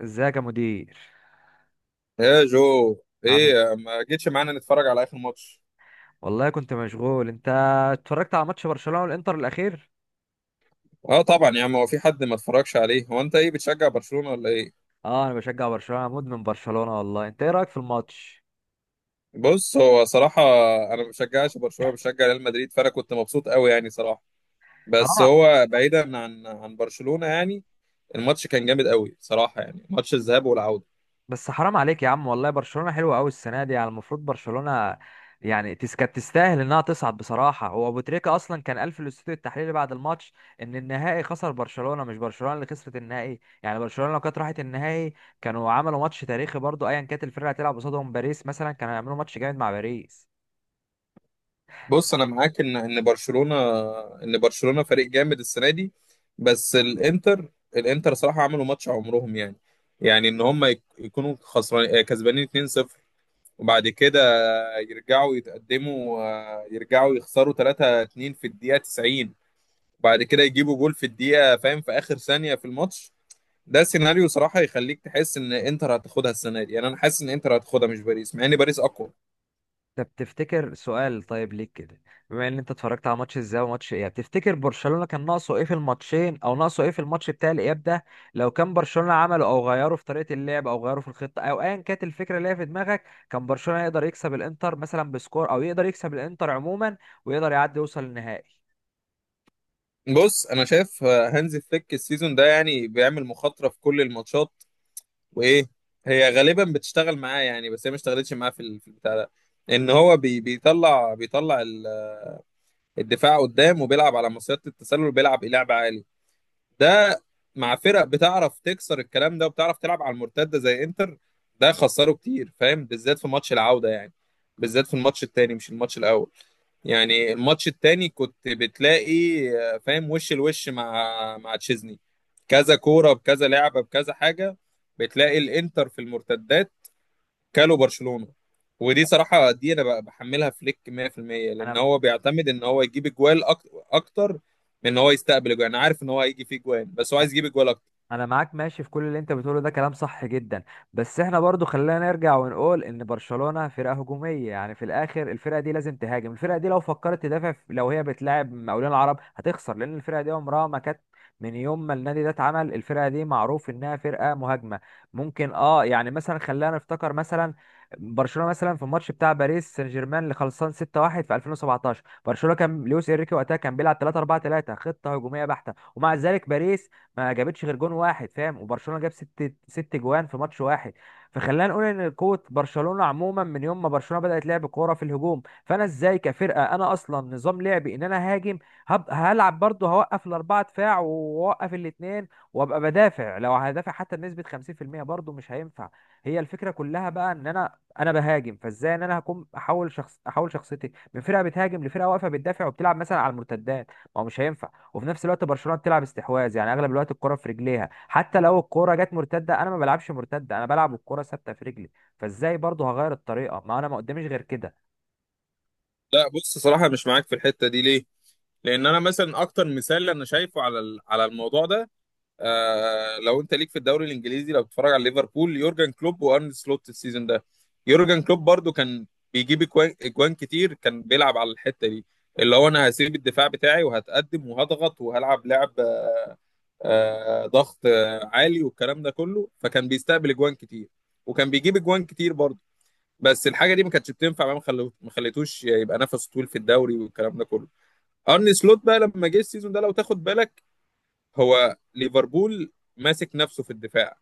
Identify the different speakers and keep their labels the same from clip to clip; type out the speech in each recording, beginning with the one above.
Speaker 1: ازيك يا مدير.
Speaker 2: يا جو،
Speaker 1: عامل
Speaker 2: ايه ما جيتش معانا نتفرج على اخر ماتش؟
Speaker 1: والله، كنت مشغول. انت اتفرجت على ماتش برشلونة والانتر الاخير؟
Speaker 2: اه طبعا يا عم، هو في حد ما اتفرجش عليه؟ هو انت ايه بتشجع برشلونة ولا ايه؟
Speaker 1: اه، انا بشجع برشلونة. أنا مدمن برشلونة والله. انت ايه رايك في الماتش؟
Speaker 2: بص، هو صراحة انا ما بشجعش برشلونة، بشجع ريال مدريد، فانا كنت مبسوط قوي يعني صراحة.
Speaker 1: حرام
Speaker 2: بس
Speaker 1: ع-
Speaker 2: هو بعيدا عن برشلونة يعني، الماتش كان جامد قوي صراحة يعني، ماتش الذهاب والعودة.
Speaker 1: بس حرام عليك يا عم والله، برشلونة حلوة قوي السنة دي. يعني المفروض برشلونة يعني كانت تستاهل انها تصعد بصراحة. هو ابو تريكة اصلا كان قال في الاستوديو التحليلي بعد الماتش ان النهائي خسر برشلونة، مش برشلونة اللي خسرت النهائي. يعني برشلونة لو كانت راحت النهائي كانوا عملوا ماتش تاريخي برضو، ايا كانت الفرقة هتلعب قصادهم، باريس مثلا كانوا هيعملوا ماتش جامد مع باريس.
Speaker 2: بص انا معاك ان برشلونه فريق جامد السنه دي. بس الانتر صراحه عملوا ماتش عمرهم يعني، يعني ان هم يك- يكونوا خسران آه، كسبانين 2-0، وبعد كده يرجعوا يتقدموا آه، يرجعوا يخسروا 3-2 في الدقيقه 90، وبعد كده يجيبوا جول في الدقيقه فاهم، في اخر ثانيه في الماتش. ده سيناريو صراحه يخليك تحس ان انتر هتاخدها السنه دي، يعني انا حاسس ان انتر هتاخدها مش باريس، مع ان باريس اقوى.
Speaker 1: طب تفتكر، سؤال طيب ليك كده، بما ان انت اتفرجت على ماتش ازاي وماتش اياب، تفتكر برشلونة كان ناقصه ايه في الماتشين، او ناقصه ايه في الماتش بتاع الاياب ده؟ لو كان برشلونة عمله او غيره في طريقة اللعب، او غيره في الخطة، او ايا كانت الفكرة اللي هي في دماغك، كان برشلونة يقدر يكسب الانتر مثلا بسكور، او يقدر يكسب الانتر عموما ويقدر يعدي يوصل النهائي.
Speaker 2: بص انا شايف هانزي فليك السيزون ده يعني بيعمل مخاطره في كل الماتشات، وايه، هي غالبا بتشتغل معاه يعني، بس هي ما اشتغلتش معاه في البتاع ده. ان هو بي بيطلع بيطلع ال- الدفاع قدام، وبيلعب على مصيدة التسلل، وبيلعب إيه، لعب عالي ده مع فرق بتعرف تكسر الكلام ده وبتعرف تلعب على المرتده زي انتر. ده خسره كتير فاهم، بالذات في ماتش العوده يعني، بالذات في الماتش التاني مش الماتش الاول. يعني الماتش التاني كنت بتلاقي فاهم وش الوش مع تشيزني، كذا كوره بكذا لعبه بكذا حاجه، بتلاقي الانتر في المرتدات كالو برشلونة. ودي صراحة دي انا بقى بحملها فليك 100%، لان
Speaker 1: انا
Speaker 2: هو بيعتمد ان هو يجيب اجوال اكتر من ان هو يستقبل اجوال. انا عارف ان هو هيجي فيه اجوال، بس هو عايز يجيب اجوال اكتر.
Speaker 1: انا معاك ماشي في كل اللي انت بتقوله ده، كلام صح جدا. بس احنا برضو خلينا نرجع ونقول ان برشلونة فرقة هجومية، يعني في الاخر الفرقة دي لازم تهاجم. الفرقة دي لو فكرت تدافع لو هي بتلاعب مقاولين العرب هتخسر، لان الفرقة دي عمرها ما كانت، من يوم ما النادي ده اتعمل الفرقة دي معروف انها فرقة مهاجمة. ممكن اه يعني مثلا، خلينا نفتكر مثلا برشلونة مثلا في الماتش بتاع باريس سان جيرمان اللي خلصان 6-1 في 2017، برشلونة كان لويس انريكي وقتها كان بيلعب 3 4 3، خطة هجومية بحتة، ومع ذلك باريس ما جابتش غير جون واحد فاهم، وبرشلونه جاب ست ست جوان في ماتش واحد. فخلينا نقول ان قوه برشلونه عموما، من يوم ما برشلونه بدات لعب كوره في الهجوم، فانا ازاي كفرقه انا اصلا نظام لعبي ان انا هاجم، هلعب برضه هوقف الاربعه دفاع واوقف الاثنين وابقى بدافع؟ لو هدافع حتى بنسبه 50% برضه مش هينفع. هي الفكره كلها بقى ان انا بهاجم، فازاي ان انا هكون احول شخصيتي من فرقه بتهاجم لفرقه واقفه بتدافع وبتلعب مثلا على المرتدات؟ ما هو مش هينفع. وفي نفس الوقت برشلونه بتلعب استحواذ، يعني اغلب الوقت الكره في رجليها، حتى لو الكره جت مرتده انا ما بلعبش مرتده، انا بلعب الكره ثابته في رجلي. فازاي برضه هغير الطريقه ما انا ما قداميش غير كده؟
Speaker 2: لا بص، صراحة مش معاك في الحتة دي، ليه؟ لان انا مثلا اكتر مثال انا شايفه على الموضوع ده، آه، لو انت ليك في الدوري الانجليزي، لو بتتفرج على ليفربول، يورجن كلوب وارن سلوت السيزون ده. يورجن كلوب برضو كان بيجيب أجوان كتير، كان بيلعب على الحتة دي، اللي هو انا هسيب الدفاع بتاعي وهتقدم وهضغط وهلعب لعب ضغط عالي والكلام ده كله، فكان بيستقبل اجوان كتير وكان بيجيب اجوان كتير برضه. بس الحاجه دي ما كانتش بتنفع بقى، ما خليتوش يبقى نفسه طويل في الدوري والكلام ده كله. ارني سلوت بقى لما جه السيزون ده، لو تاخد بالك، هو ليفربول ماسك نفسه في الدفاع،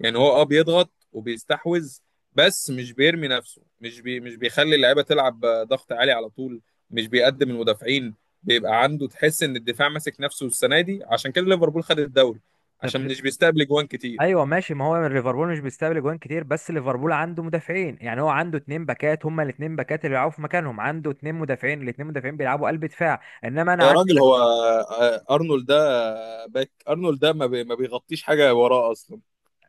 Speaker 2: يعني هو اه بيضغط وبيستحوذ، بس مش بيرمي نفسه، مش بيخلي اللعيبه تلعب ضغط عالي على طول، مش بيقدم المدافعين، بيبقى عنده تحس ان الدفاع ماسك نفسه السنه دي، عشان كده ليفربول خد الدوري،
Speaker 1: طب
Speaker 2: عشان مش بيستقبل جوان كتير.
Speaker 1: ايوه ماشي، ما هو ليفربول مش بيستقبل جوان كتير بس ليفربول عنده مدافعين. يعني هو عنده اتنين باكات، هما الاتنين باكات اللي بيلعبوا في مكانهم، عنده اتنين مدافعين، الاتنين مدافعين بيلعبوا قلب دفاع، انما انا
Speaker 2: يا راجل، هو ارنولد ده باك، ارنولد ده ما بيغطيش حاجه وراه اصلا.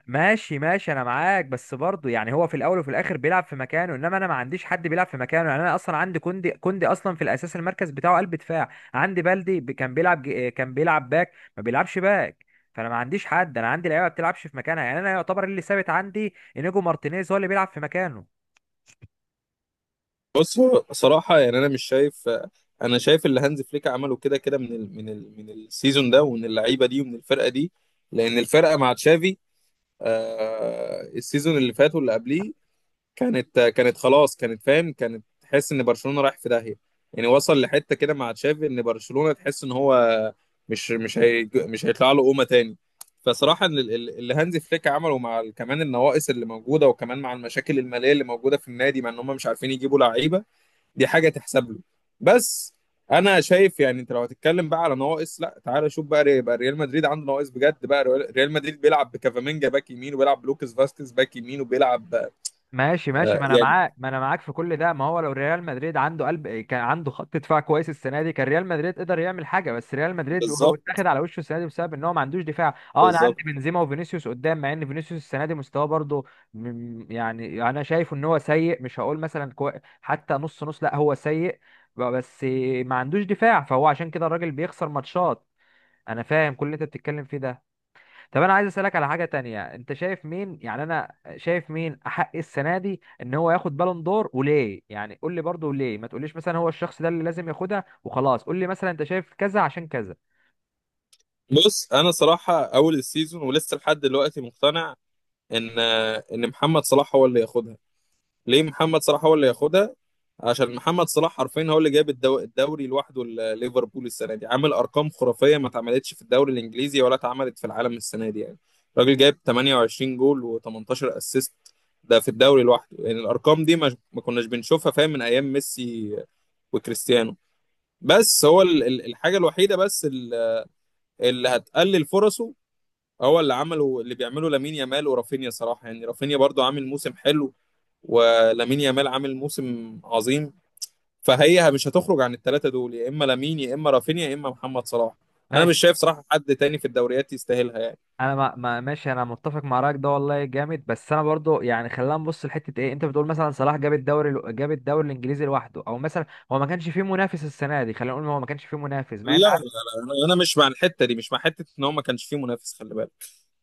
Speaker 1: ماشي ماشي، انا معاك، بس برضه يعني هو في الاول وفي الاخر بيلعب في مكانه، انما انا ما عنديش حد بيلعب في مكانه. يعني انا اصلا عندي كوندي اصلا في الاساس المركز بتاعه قلب دفاع، عندي بلدي كان بيلعب باك، ما بيلعبش باك، فانا ما عنديش حد، انا عندي لعيبه ما بتلعبش في مكانها. يعني انا يعتبر اللي ثابت عندي انيجو مارتينيز هو اللي بيلعب في مكانه.
Speaker 2: بص هو صراحة يعني أنا مش شايف، أنا شايف اللي هانز فليك عمله كده كده، من السيزون ده ومن اللعيبة دي ومن الفرقة دي، لأن الفرقة مع تشافي السيزون اللي فات واللي قبليه كانت خلاص، كانت فاهم، كانت تحس إن برشلونة رايح في داهية. يعني وصل لحتة كده مع تشافي إن برشلونة تحس إن هو مش هيطلع له قومة تاني. فصراحة اللي هانز فليك عمله كمان النواقص اللي موجودة، وكمان مع المشاكل المالية اللي موجودة في النادي، مع إن هم مش عارفين يجيبوا لعيبة، دي حاجه تحسب له. بس انا شايف، يعني انت لو هتتكلم بقى على نواقص، لا تعالى شوف بقى، يبقى ريال مدريد عنده نواقص بجد بقى، ريال مدريد بيلعب بكافامينجا باك يمين، وبيلعب بلوكس فاسكيز باك يمين، وبيلعب
Speaker 1: ماشي ماشي،
Speaker 2: آه
Speaker 1: ما انا
Speaker 2: يعني،
Speaker 1: معاك، ما انا معاك في كل ده، ما هو لو ريال مدريد عنده قلب، كان عنده خط دفاع كويس السنه دي كان ريال مدريد قدر يعمل حاجه. بس ريال مدريد هو
Speaker 2: بالظبط،
Speaker 1: اتاخد على وشه السنه دي بسبب ان هو ما عندوش دفاع. اه، انا
Speaker 2: بالظبط.
Speaker 1: عندي بنزيما وفينيسيوس قدام، مع ان فينيسيوس السنه دي مستواه برضه يعني انا شايف ان هو سيء. مش هقول مثلا حتى نص نص، لا هو سيء، بس ما عندوش دفاع فهو عشان كده الراجل بيخسر ماتشات. انا فاهم كل اللي انت بتتكلم فيه ده. طب انا عايز اسالك على حاجه تانية، انت شايف مين؟ يعني انا شايف مين احق السنه دي ان هو ياخد بالون دور وليه؟ يعني قول لي برضه ليه، ما تقوليش مثلا هو الشخص ده اللي لازم ياخدها وخلاص، قول لي مثلا انت شايف كذا عشان كذا.
Speaker 2: بص، انا صراحه اول السيزون ولسه لحد دلوقتي مقتنع ان ان محمد صلاح هو اللي ياخدها. ليه محمد صلاح هو اللي ياخدها؟ عشان محمد صلاح حرفيا هو اللي جاب الدوري لوحده ليفربول السنه دي، عامل ارقام خرافيه ما اتعملتش في الدوري الانجليزي ولا اتعملت في العالم السنه دي يعني. الراجل جايب 28 جول و18 اسيست ده في الدوري لوحده، يعني الارقام دي ما كناش بنشوفها فاهم من ايام ميسي وكريستيانو. بس هو الحاجه الوحيده بس اللي هتقلل فرصه، هو اللي عمله اللي بيعمله لامين يامال ورافينيا صراحه، يعني رافينيا برضو عامل موسم حلو، ولامين يامال عامل موسم عظيم. فهي مش هتخرج عن الثلاثه دول، يا اما لامين، يا اما رافينيا، يا اما محمد صلاح. انا مش
Speaker 1: ماشي،
Speaker 2: شايف صراحه حد تاني في الدوريات يستاهلها يعني.
Speaker 1: انا ما ماشي، انا متفق مع رايك ده والله جامد. بس انا برضه يعني خلينا نبص لحته ايه، انت بتقول مثلا صلاح جاب الدوري جاب الدوري الانجليزي لوحده، او مثلا هو ما كانش فيه منافس السنه دي، خلينا نقول هو ما كانش فيه منافس، مع
Speaker 2: لا
Speaker 1: ان
Speaker 2: لا لا، انا مش مع الحته دي، مش مع حته ان هو ما كانش فيه منافس، خلي بالك،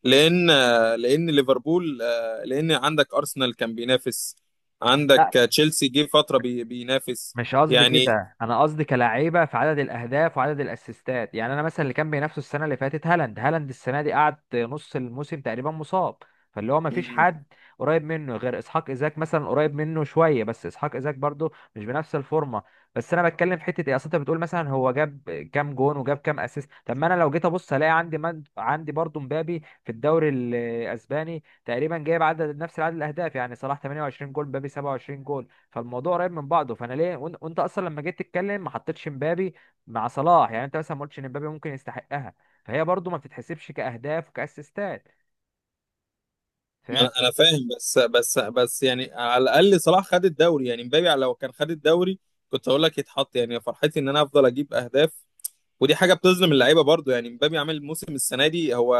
Speaker 2: لان لان ليفربول آه، لان عندك ارسنال كان بينافس، عندك تشيلسي جه فتره بينافس
Speaker 1: مش قصدي
Speaker 2: يعني.
Speaker 1: كده. انا قصدي كلاعيبه في عدد الاهداف وعدد الاسيستات، يعني انا مثلا اللي كان بينافسه السنه اللي فاتت هالاند، هالاند السنه دي قعد نص الموسم تقريبا مصاب، فاللي هو ما فيش حد قريب منه غير اسحاق ايزاك مثلا قريب منه شويه، بس اسحاق ايزاك برضه مش بنفس الفورمه. بس انا بتكلم في حته ايه، اصل انت بتقول مثلا هو جاب كام جون وجاب كام اسيست، طب ما انا لو جيت ابص الاقي عندي عندي برضه مبابي في الدوري الاسباني تقريبا جايب عدد نفس عدد الاهداف، يعني صلاح 28 جول، مبابي 27 جول، فالموضوع قريب من بعضه. فانا ليه وانت اصلا لما جيت تتكلم ما حطيتش مبابي مع صلاح؟ يعني انت مثلا ما قلتش ان مبابي ممكن يستحقها، فهي برضو ما بتتحسبش كاهداف وكاسيستات.
Speaker 2: ما
Speaker 1: فاهم؟
Speaker 2: انا فاهم، بس يعني على الاقل صلاح خد الدوري، يعني مبابي لو كان خد الدوري كنت اقول لك يتحط، يعني فرحتي ان انا افضل اجيب اهداف، ودي حاجه بتظلم اللعيبه برضو، يعني مبابي عامل موسم السنه دي، هو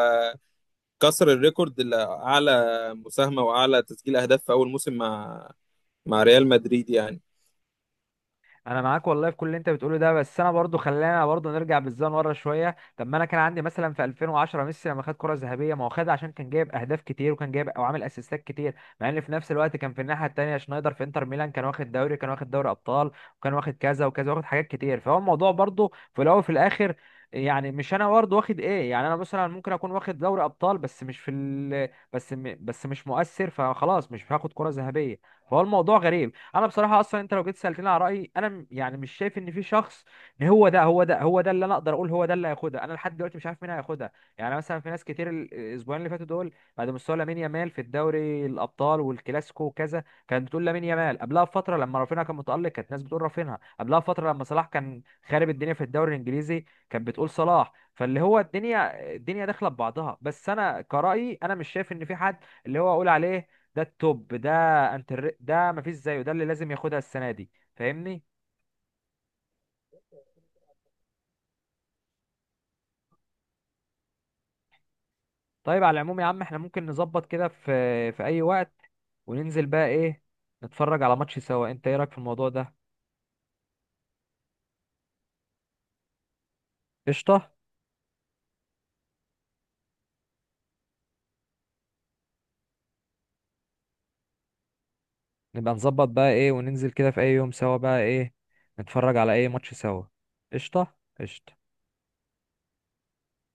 Speaker 2: كسر الريكورد، اللي اعلى مساهمه واعلى تسجيل اهداف في اول موسم مع ريال مدريد يعني
Speaker 1: انا معاك والله في كل اللي انت بتقوله ده، بس انا برضو خلينا برضو نرجع بالزمن ورا شويه. طب ما انا كان عندي مثلا في 2010 ميسي لما خد كره ذهبيه، ما هو خدها عشان كان جايب اهداف كتير وكان جايب او عامل اسيستات كتير، مع ان في نفس الوقت كان في الناحيه التانيه شنايدر في انتر ميلان كان واخد دوري، كان واخد دوري ابطال، وكان واخد كذا وكذا، واخد حاجات كتير. فهو الموضوع برضو في الاول وفي الاخر، يعني مش انا برضه واخد ايه؟ يعني انا مثلا ممكن اكون واخد دوري ابطال، بس مش في ال... بس م... بس مش مؤثر، فخلاص مش هاخد كره ذهبيه. فهو الموضوع غريب. انا بصراحه اصلا، انت لو جيت سالتني على رايي، انا يعني مش شايف ان في شخص ان هو ده اللي انا اقدر اقول هو ده اللي هياخدها. انا لحد دلوقتي مش عارف مين هياخدها. يعني مثلا في ناس كتير الاسبوعين اللي فاتوا دول بعد مستوى لامين يامال في الدوري الابطال والكلاسيكو وكذا كانت بتقول لامين يامال، قبلها بفتره لما رافينها كان متالق كانت ناس بتقول رافينها، قبلها بفتره لما صلاح كان خارب الدنيا في الدوري الانجليزي كانت بتقول صلاح. فاللي هو الدنيا الدنيا داخله ببعضها. بس انا كرايي انا مش شايف ان في حد اللي هو اقول عليه ده التوب ده، انت ده مفيش زيه ده اللي لازم ياخدها السنه دي فاهمني؟ طيب على العموم يا عم، احنا ممكن نظبط كده في اي وقت وننزل بقى ايه نتفرج على ماتش سوا. انت ايه رايك في الموضوع ده؟ قشطه. نبقى نظبط بقى ايه وننزل كده في اي يوم سوا بقى ايه نتفرج على اي ماتش سوا. قشطه. قشطه.